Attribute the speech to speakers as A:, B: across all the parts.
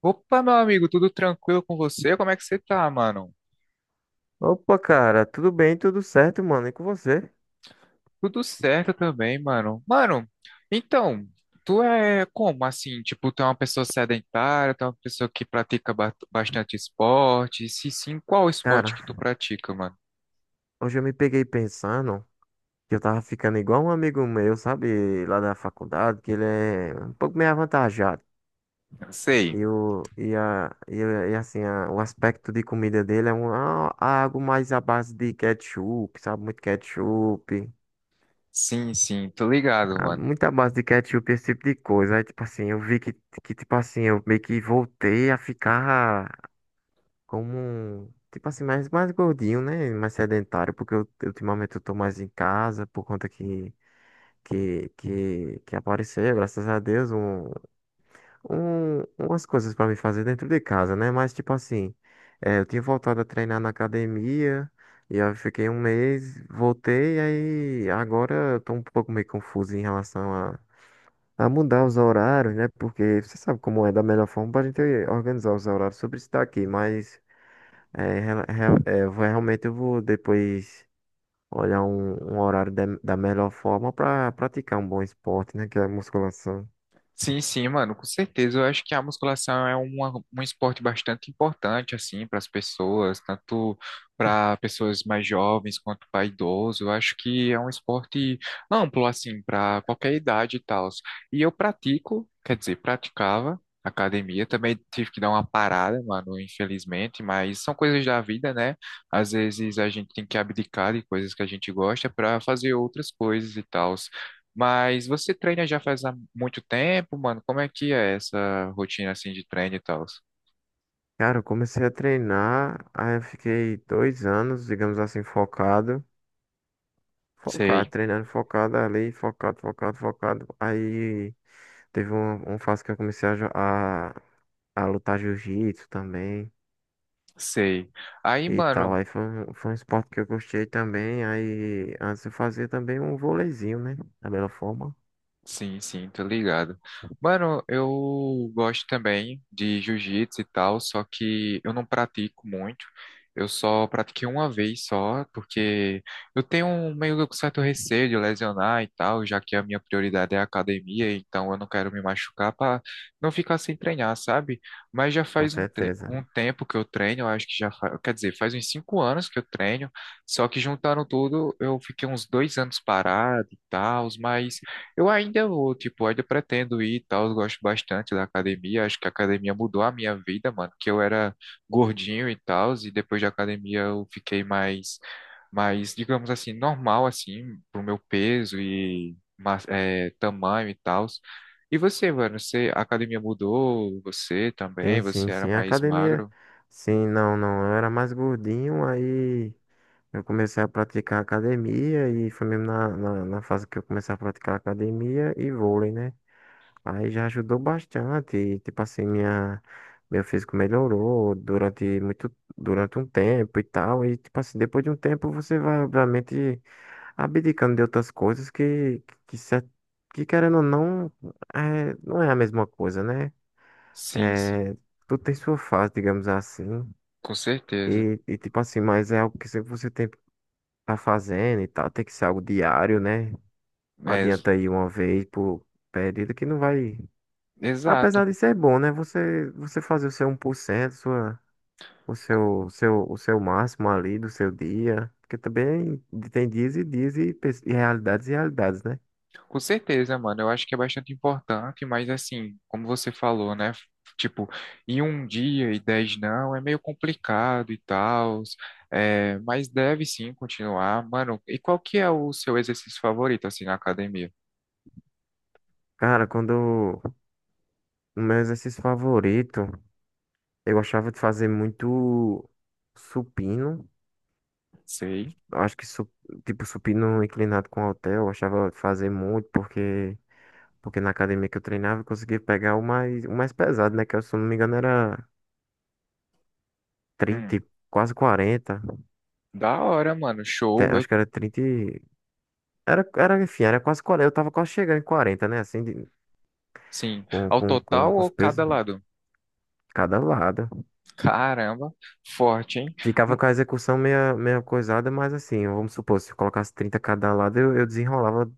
A: Opa, meu amigo, tudo tranquilo com você? Como é que você tá, mano?
B: Opa, cara, tudo bem, tudo certo, mano, e com você?
A: Tudo certo também, mano. Então, tu é como assim? Tipo, tu é uma pessoa sedentária, tu é uma pessoa que pratica bastante esporte? Se sim, qual
B: Cara,
A: esporte que tu pratica, mano?
B: hoje eu me peguei pensando que eu tava ficando igual um amigo meu, sabe, lá da faculdade, que ele é um pouco meio avantajado.
A: Sei.
B: E, o, e, a, e, a- e assim, a- O aspecto de comida dele é algo mais à base de ketchup, sabe, muito ketchup,
A: Sim, sim, tô ligado, mano.
B: muita base de ketchup, esse tipo de coisa. Aí, tipo assim, eu vi que tipo assim, eu meio que voltei a ficar. Como, tipo assim, mais gordinho, né? Mais sedentário, porque eu, ultimamente eu tô mais em casa por conta que apareceu, graças a Deus, umas coisas pra me fazer dentro de casa, né? Mas, tipo assim, eu tinha voltado a treinar na academia, e aí eu fiquei um mês, voltei, aí agora eu tô um pouco meio confuso em relação a mudar os horários, né? Porque você sabe como é da melhor forma pra gente organizar os horários sobre isso daqui, mas. Realmente eu vou depois olhar um horário da melhor forma para praticar um bom esporte, né? Que é a musculação.
A: Sim, sim, mano, com certeza. Eu acho que a musculação é um esporte bastante importante, assim, para as pessoas, tanto para pessoas mais jovens quanto para idosos. Eu acho que é um esporte amplo, assim, para qualquer idade e tal. E eu pratico, quer dizer, praticava academia. Também tive que dar uma parada, mano, infelizmente, mas são coisas da vida, né? Às vezes a gente tem que abdicar de coisas que a gente gosta para fazer outras coisas e tal. Mas você treina já faz há muito tempo, mano? Como é que é essa rotina assim de treino e tal?
B: Cara, eu comecei a treinar, aí eu fiquei dois anos, digamos assim, focado. Focado,
A: Sei,
B: treinando focado ali, focado, focado, focado. Aí teve uma fase que eu comecei a lutar jiu-jitsu também
A: sei. Aí,
B: e tal.
A: mano,
B: Aí foi um esporte que eu gostei também. Aí antes eu fazia também um vôleizinho, né? Da melhor forma.
A: sim, sim, tô ligado. Mano, eu gosto também de jiu-jitsu e tal, só que eu não pratico muito. Eu só pratiquei uma vez só, porque eu tenho um meio que um certo receio de lesionar e tal, já que a minha prioridade é a academia, então eu não quero me machucar para não ficar sem treinar, sabe? Mas já
B: Com
A: faz
B: certeza.
A: um tempo que eu treino, eu acho que já faz, quer dizer, faz uns 5 anos que eu treino, só que juntando tudo, eu fiquei uns 2 anos parado e tal, mas. Eu ainda vou, tipo, ainda pretendo ir e tal, eu gosto bastante da academia, acho que a academia mudou a minha vida, mano, que eu era gordinho e tal, e depois da academia eu fiquei mais, mais, digamos assim, normal, assim, pro meu peso e tamanho e tal. E você, mano, a academia mudou, você também,
B: Sim,
A: você
B: sim,
A: era
B: sim. A
A: mais
B: academia.
A: magro?
B: Sim, não, não. Eu era mais gordinho, aí eu comecei a praticar academia e foi mesmo na fase que eu comecei a praticar academia e vôlei, né? Aí já ajudou bastante. E, tipo assim, meu físico melhorou durante um tempo e tal. E tipo assim, depois de um tempo você vai, obviamente, abdicando de outras coisas que querendo ou não, não é a mesma coisa, né?
A: Sim, sim,
B: É, tudo tem sua fase, digamos assim.
A: com certeza.
B: E tipo assim, mas é algo que sempre você tem que tá fazendo e tal. Tem que ser algo diário, né? Não
A: É, ex-
B: adianta ir uma vez por período que não vai.
A: exato.
B: Apesar de ser bom, né? Você fazer o seu um 1%, sua, o seu, seu, o seu máximo ali do seu dia. Porque também tem dias e dias e realidades e realidades, né?
A: Com certeza, mano. Eu acho que é bastante importante, mas assim, como você falou, né? Tipo, em um dia e dez não, é meio complicado e tal, é, mas deve sim continuar. Mano, e qual que é o seu exercício favorito, assim, na academia?
B: Cara, quando o meu exercício favorito, eu achava de fazer muito supino.
A: Sei.
B: Acho que, tipo, supino inclinado com halter, eu achava fazer muito, porque na academia que eu treinava eu conseguia pegar o mais pesado, né? Se eu não me engano era
A: Hum,
B: trinta, quase quarenta.
A: da hora, mano. Show. Eu,
B: Acho que era trinta. Era quase quarenta. Eu tava quase chegando em quarenta, né? Assim,
A: sim.
B: com,
A: Ao
B: com, com,
A: total
B: com
A: ou
B: os
A: cada
B: pesos,
A: lado?
B: cada lado.
A: Caramba, forte, hein?
B: Ficava
A: Hum,
B: com a execução meia, meia coisada, mas assim, vamos supor, se eu colocasse 30 cada lado, eu desenrolava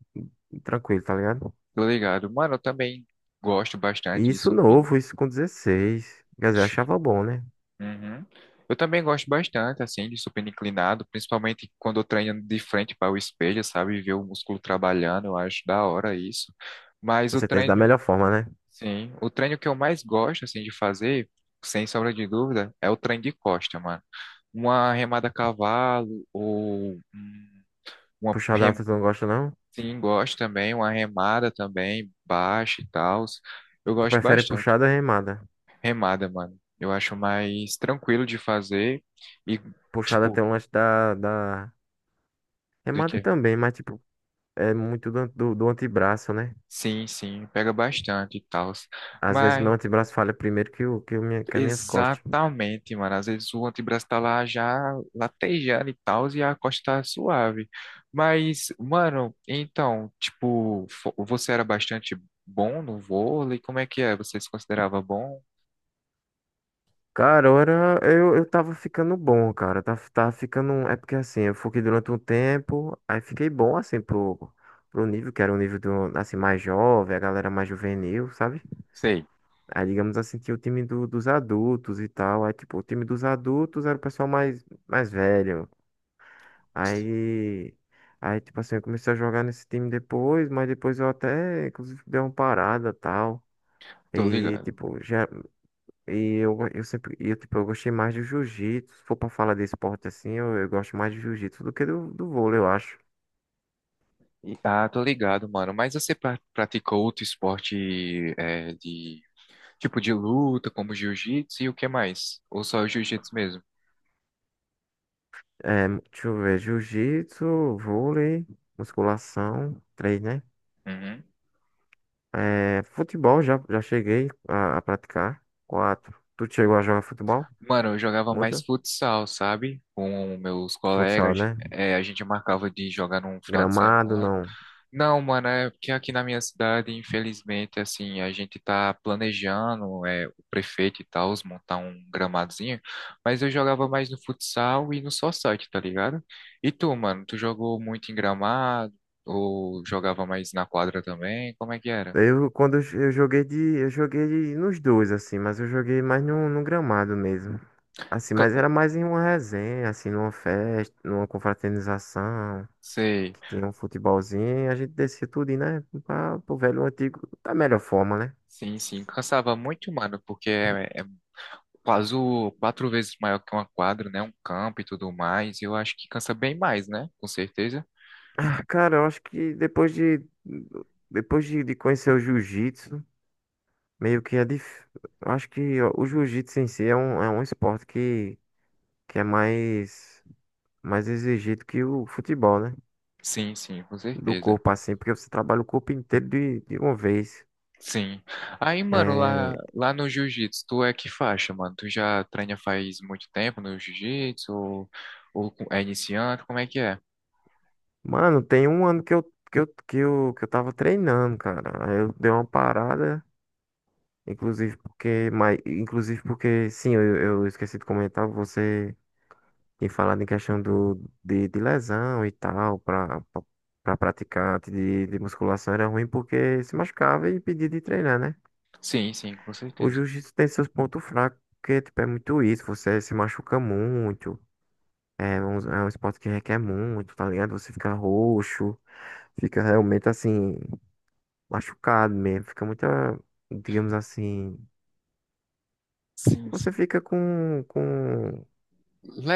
B: tranquilo, tá ligado?
A: Tô ligado. Mano, eu também gosto
B: E
A: bastante de
B: isso
A: supino.
B: novo, isso com dezesseis. Quer dizer, eu achava bom, né?
A: Uhum. Eu também gosto bastante, assim, de supino inclinado, principalmente quando eu treino de frente para o espelho, sabe? Ver o músculo trabalhando, eu acho da hora isso. Mas
B: Com
A: o
B: certeza, da
A: treino,
B: melhor forma, né?
A: sim, o treino que eu mais gosto, assim, de fazer, sem sombra de dúvida, é o treino de costa, mano. Uma remada a cavalo, ou uma,
B: Puxada
A: rem-
B: alta tu não gosta, não?
A: sim, gosto também, uma remada também, baixa e tal. Eu
B: Tu
A: gosto
B: prefere
A: bastante.
B: puxada ou remada?
A: Remada, mano. Eu acho mais tranquilo de fazer e.
B: Puxada
A: Tipo,
B: tem um lance da.
A: do
B: Remada
A: que?
B: também, mas, tipo, é muito do antebraço, né?
A: Sim, sim, pega bastante e tal.
B: Às vezes meu
A: Mas,
B: antebraço falha primeiro que as minhas costas.
A: exatamente, mano. Às vezes o antebraço tá lá já latejando e tal, e a costa tá suave. Mas, mano, então, tipo, você era bastante bom no vôlei? Como é que é? Você se considerava bom?
B: Cara, ora, eu tava ficando bom, cara. Tava ficando. É porque, assim, eu fiquei durante um tempo, aí fiquei bom, assim, pro, nível, que era um nível, do, assim, mais jovem, a galera mais juvenil, sabe?
A: Sei.
B: Aí, digamos assim, tinha o time dos adultos e tal. Aí, tipo, o time dos adultos era o pessoal mais velho. Aí, tipo assim, eu comecei a jogar nesse time depois, mas depois eu até, inclusive, dei uma parada e tal.
A: Tô
B: E,
A: ligado.
B: tipo, já, e eu sempre, e eu, tipo, eu gostei mais do jiu-jitsu. Se for pra falar de esporte assim, eu gosto mais de jiu-jitsu do que do vôlei, eu acho.
A: Ah, tô ligado, mano. Mas você praticou outro esporte é, de tipo de luta, como jiu-jitsu e o que mais? Ou só o jiu-jitsu mesmo?
B: É, deixa eu ver, jiu-jitsu, vôlei, musculação, três, né?
A: Uhum.
B: É, futebol, já cheguei a praticar. Quatro. Tu chegou a jogar futebol?
A: Mano, eu jogava mais
B: Muito?
A: futsal, sabe? Com meus
B: Futsal,
A: colegas.
B: né?
A: É, a gente marcava de jogar num final de
B: Gramado,
A: semana.
B: não.
A: Não, mano, é porque aqui na minha cidade, infelizmente, assim, a gente tá planejando, é, o prefeito e tal, montar um gramadozinho. Mas eu jogava mais no futsal e no society, tá ligado? E tu, mano, tu jogou muito em gramado? Ou jogava mais na quadra também? Como é que era?
B: Quando eu joguei de- Nos dois, assim, mas eu joguei mais no gramado mesmo. Assim,
A: Ca-
B: mas era mais em uma resenha, assim, numa festa, numa confraternização,
A: sei.
B: que tinha um futebolzinho, e a gente descia tudo, né? Pro velho antigo, da melhor forma, né?
A: Sim, sim, cansava muito, mano, porque é, é 4 vezes maior que uma quadra, né? Um campo e tudo mais. Eu acho que cansa bem mais, né? Com certeza.
B: Ah, cara, eu acho que depois de conhecer o jiu-jitsu, meio que é difícil. Acho que o jiu-jitsu em si é um esporte que é mais exigido que o futebol, né?
A: Sim, sim, com
B: Do
A: certeza.
B: corpo, assim, porque você trabalha o corpo inteiro de uma vez.
A: Sim. Aí, mano,
B: É,
A: lá no jiu-jitsu, tu é que faixa, mano? Tu já treina faz muito tempo no jiu-jitsu? Ou é iniciante? Como é que é?
B: mano, tem um ano que eu, tava treinando, cara. Aí eu dei uma parada, inclusive porque, sim, eu esqueci de comentar, você. E falando em questão de lesão e tal, para praticante de musculação era ruim porque se machucava e impedia de treinar, né?
A: Sim, sim, com
B: O
A: certeza.
B: jiu-jitsu tem seus pontos fracos, porque tipo, é muito isso, você se machuca muito, é um esporte que requer muito, tá ligado? Você fica roxo, fica realmente assim, machucado mesmo, fica muita digamos assim,
A: Sim,
B: você
A: sim.
B: fica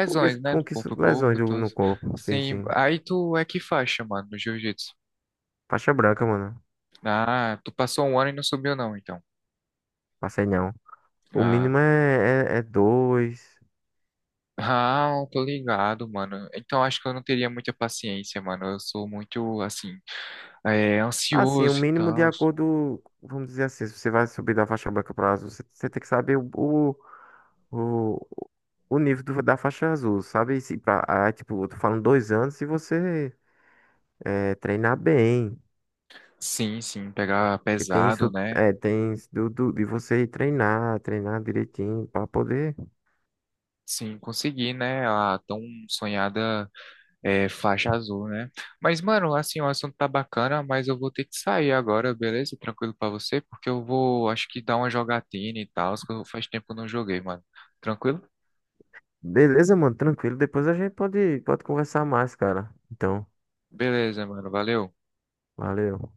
A: né?
B: com
A: No
B: que
A: corpo a
B: lesões
A: corpo, então...
B: no corpo, sim,
A: Sim.
B: sim.
A: Aí tu é que faixa, mano, no jiu-jitsu?
B: Faixa branca, mano.
A: Ah, tu passou 1 ano e não subiu, não, então.
B: Passei não. O
A: Ah.
B: mínimo é dois.
A: Ah, tô ligado, mano. Então acho que eu não teria muita paciência, mano. Eu sou muito, assim, é,
B: Assim, o
A: ansioso e
B: mínimo de
A: tal.
B: acordo, vamos dizer assim, se você vai subir da faixa branca para azul, você tem que saber o, o nível da faixa azul, sabe? E Se pra, ah, tipo, eu tô falando dois anos se você treinar bem.
A: Sim, sim, pegar
B: E tem
A: pesado,
B: isso,
A: né?
B: é, tem isso de você ir treinar, treinar direitinho para poder.
A: Sim, consegui, né? A tão sonhada é, faixa azul, né? Mas, mano, assim, o assunto tá bacana, mas eu vou ter que sair agora, beleza? Tranquilo pra você, porque eu vou, acho que dar uma jogatina e tal, que faz tempo que eu não joguei, mano. Tranquilo?
B: Beleza, mano, tranquilo. Depois a gente pode conversar mais, cara. Então,
A: Beleza, mano. Valeu.
B: valeu.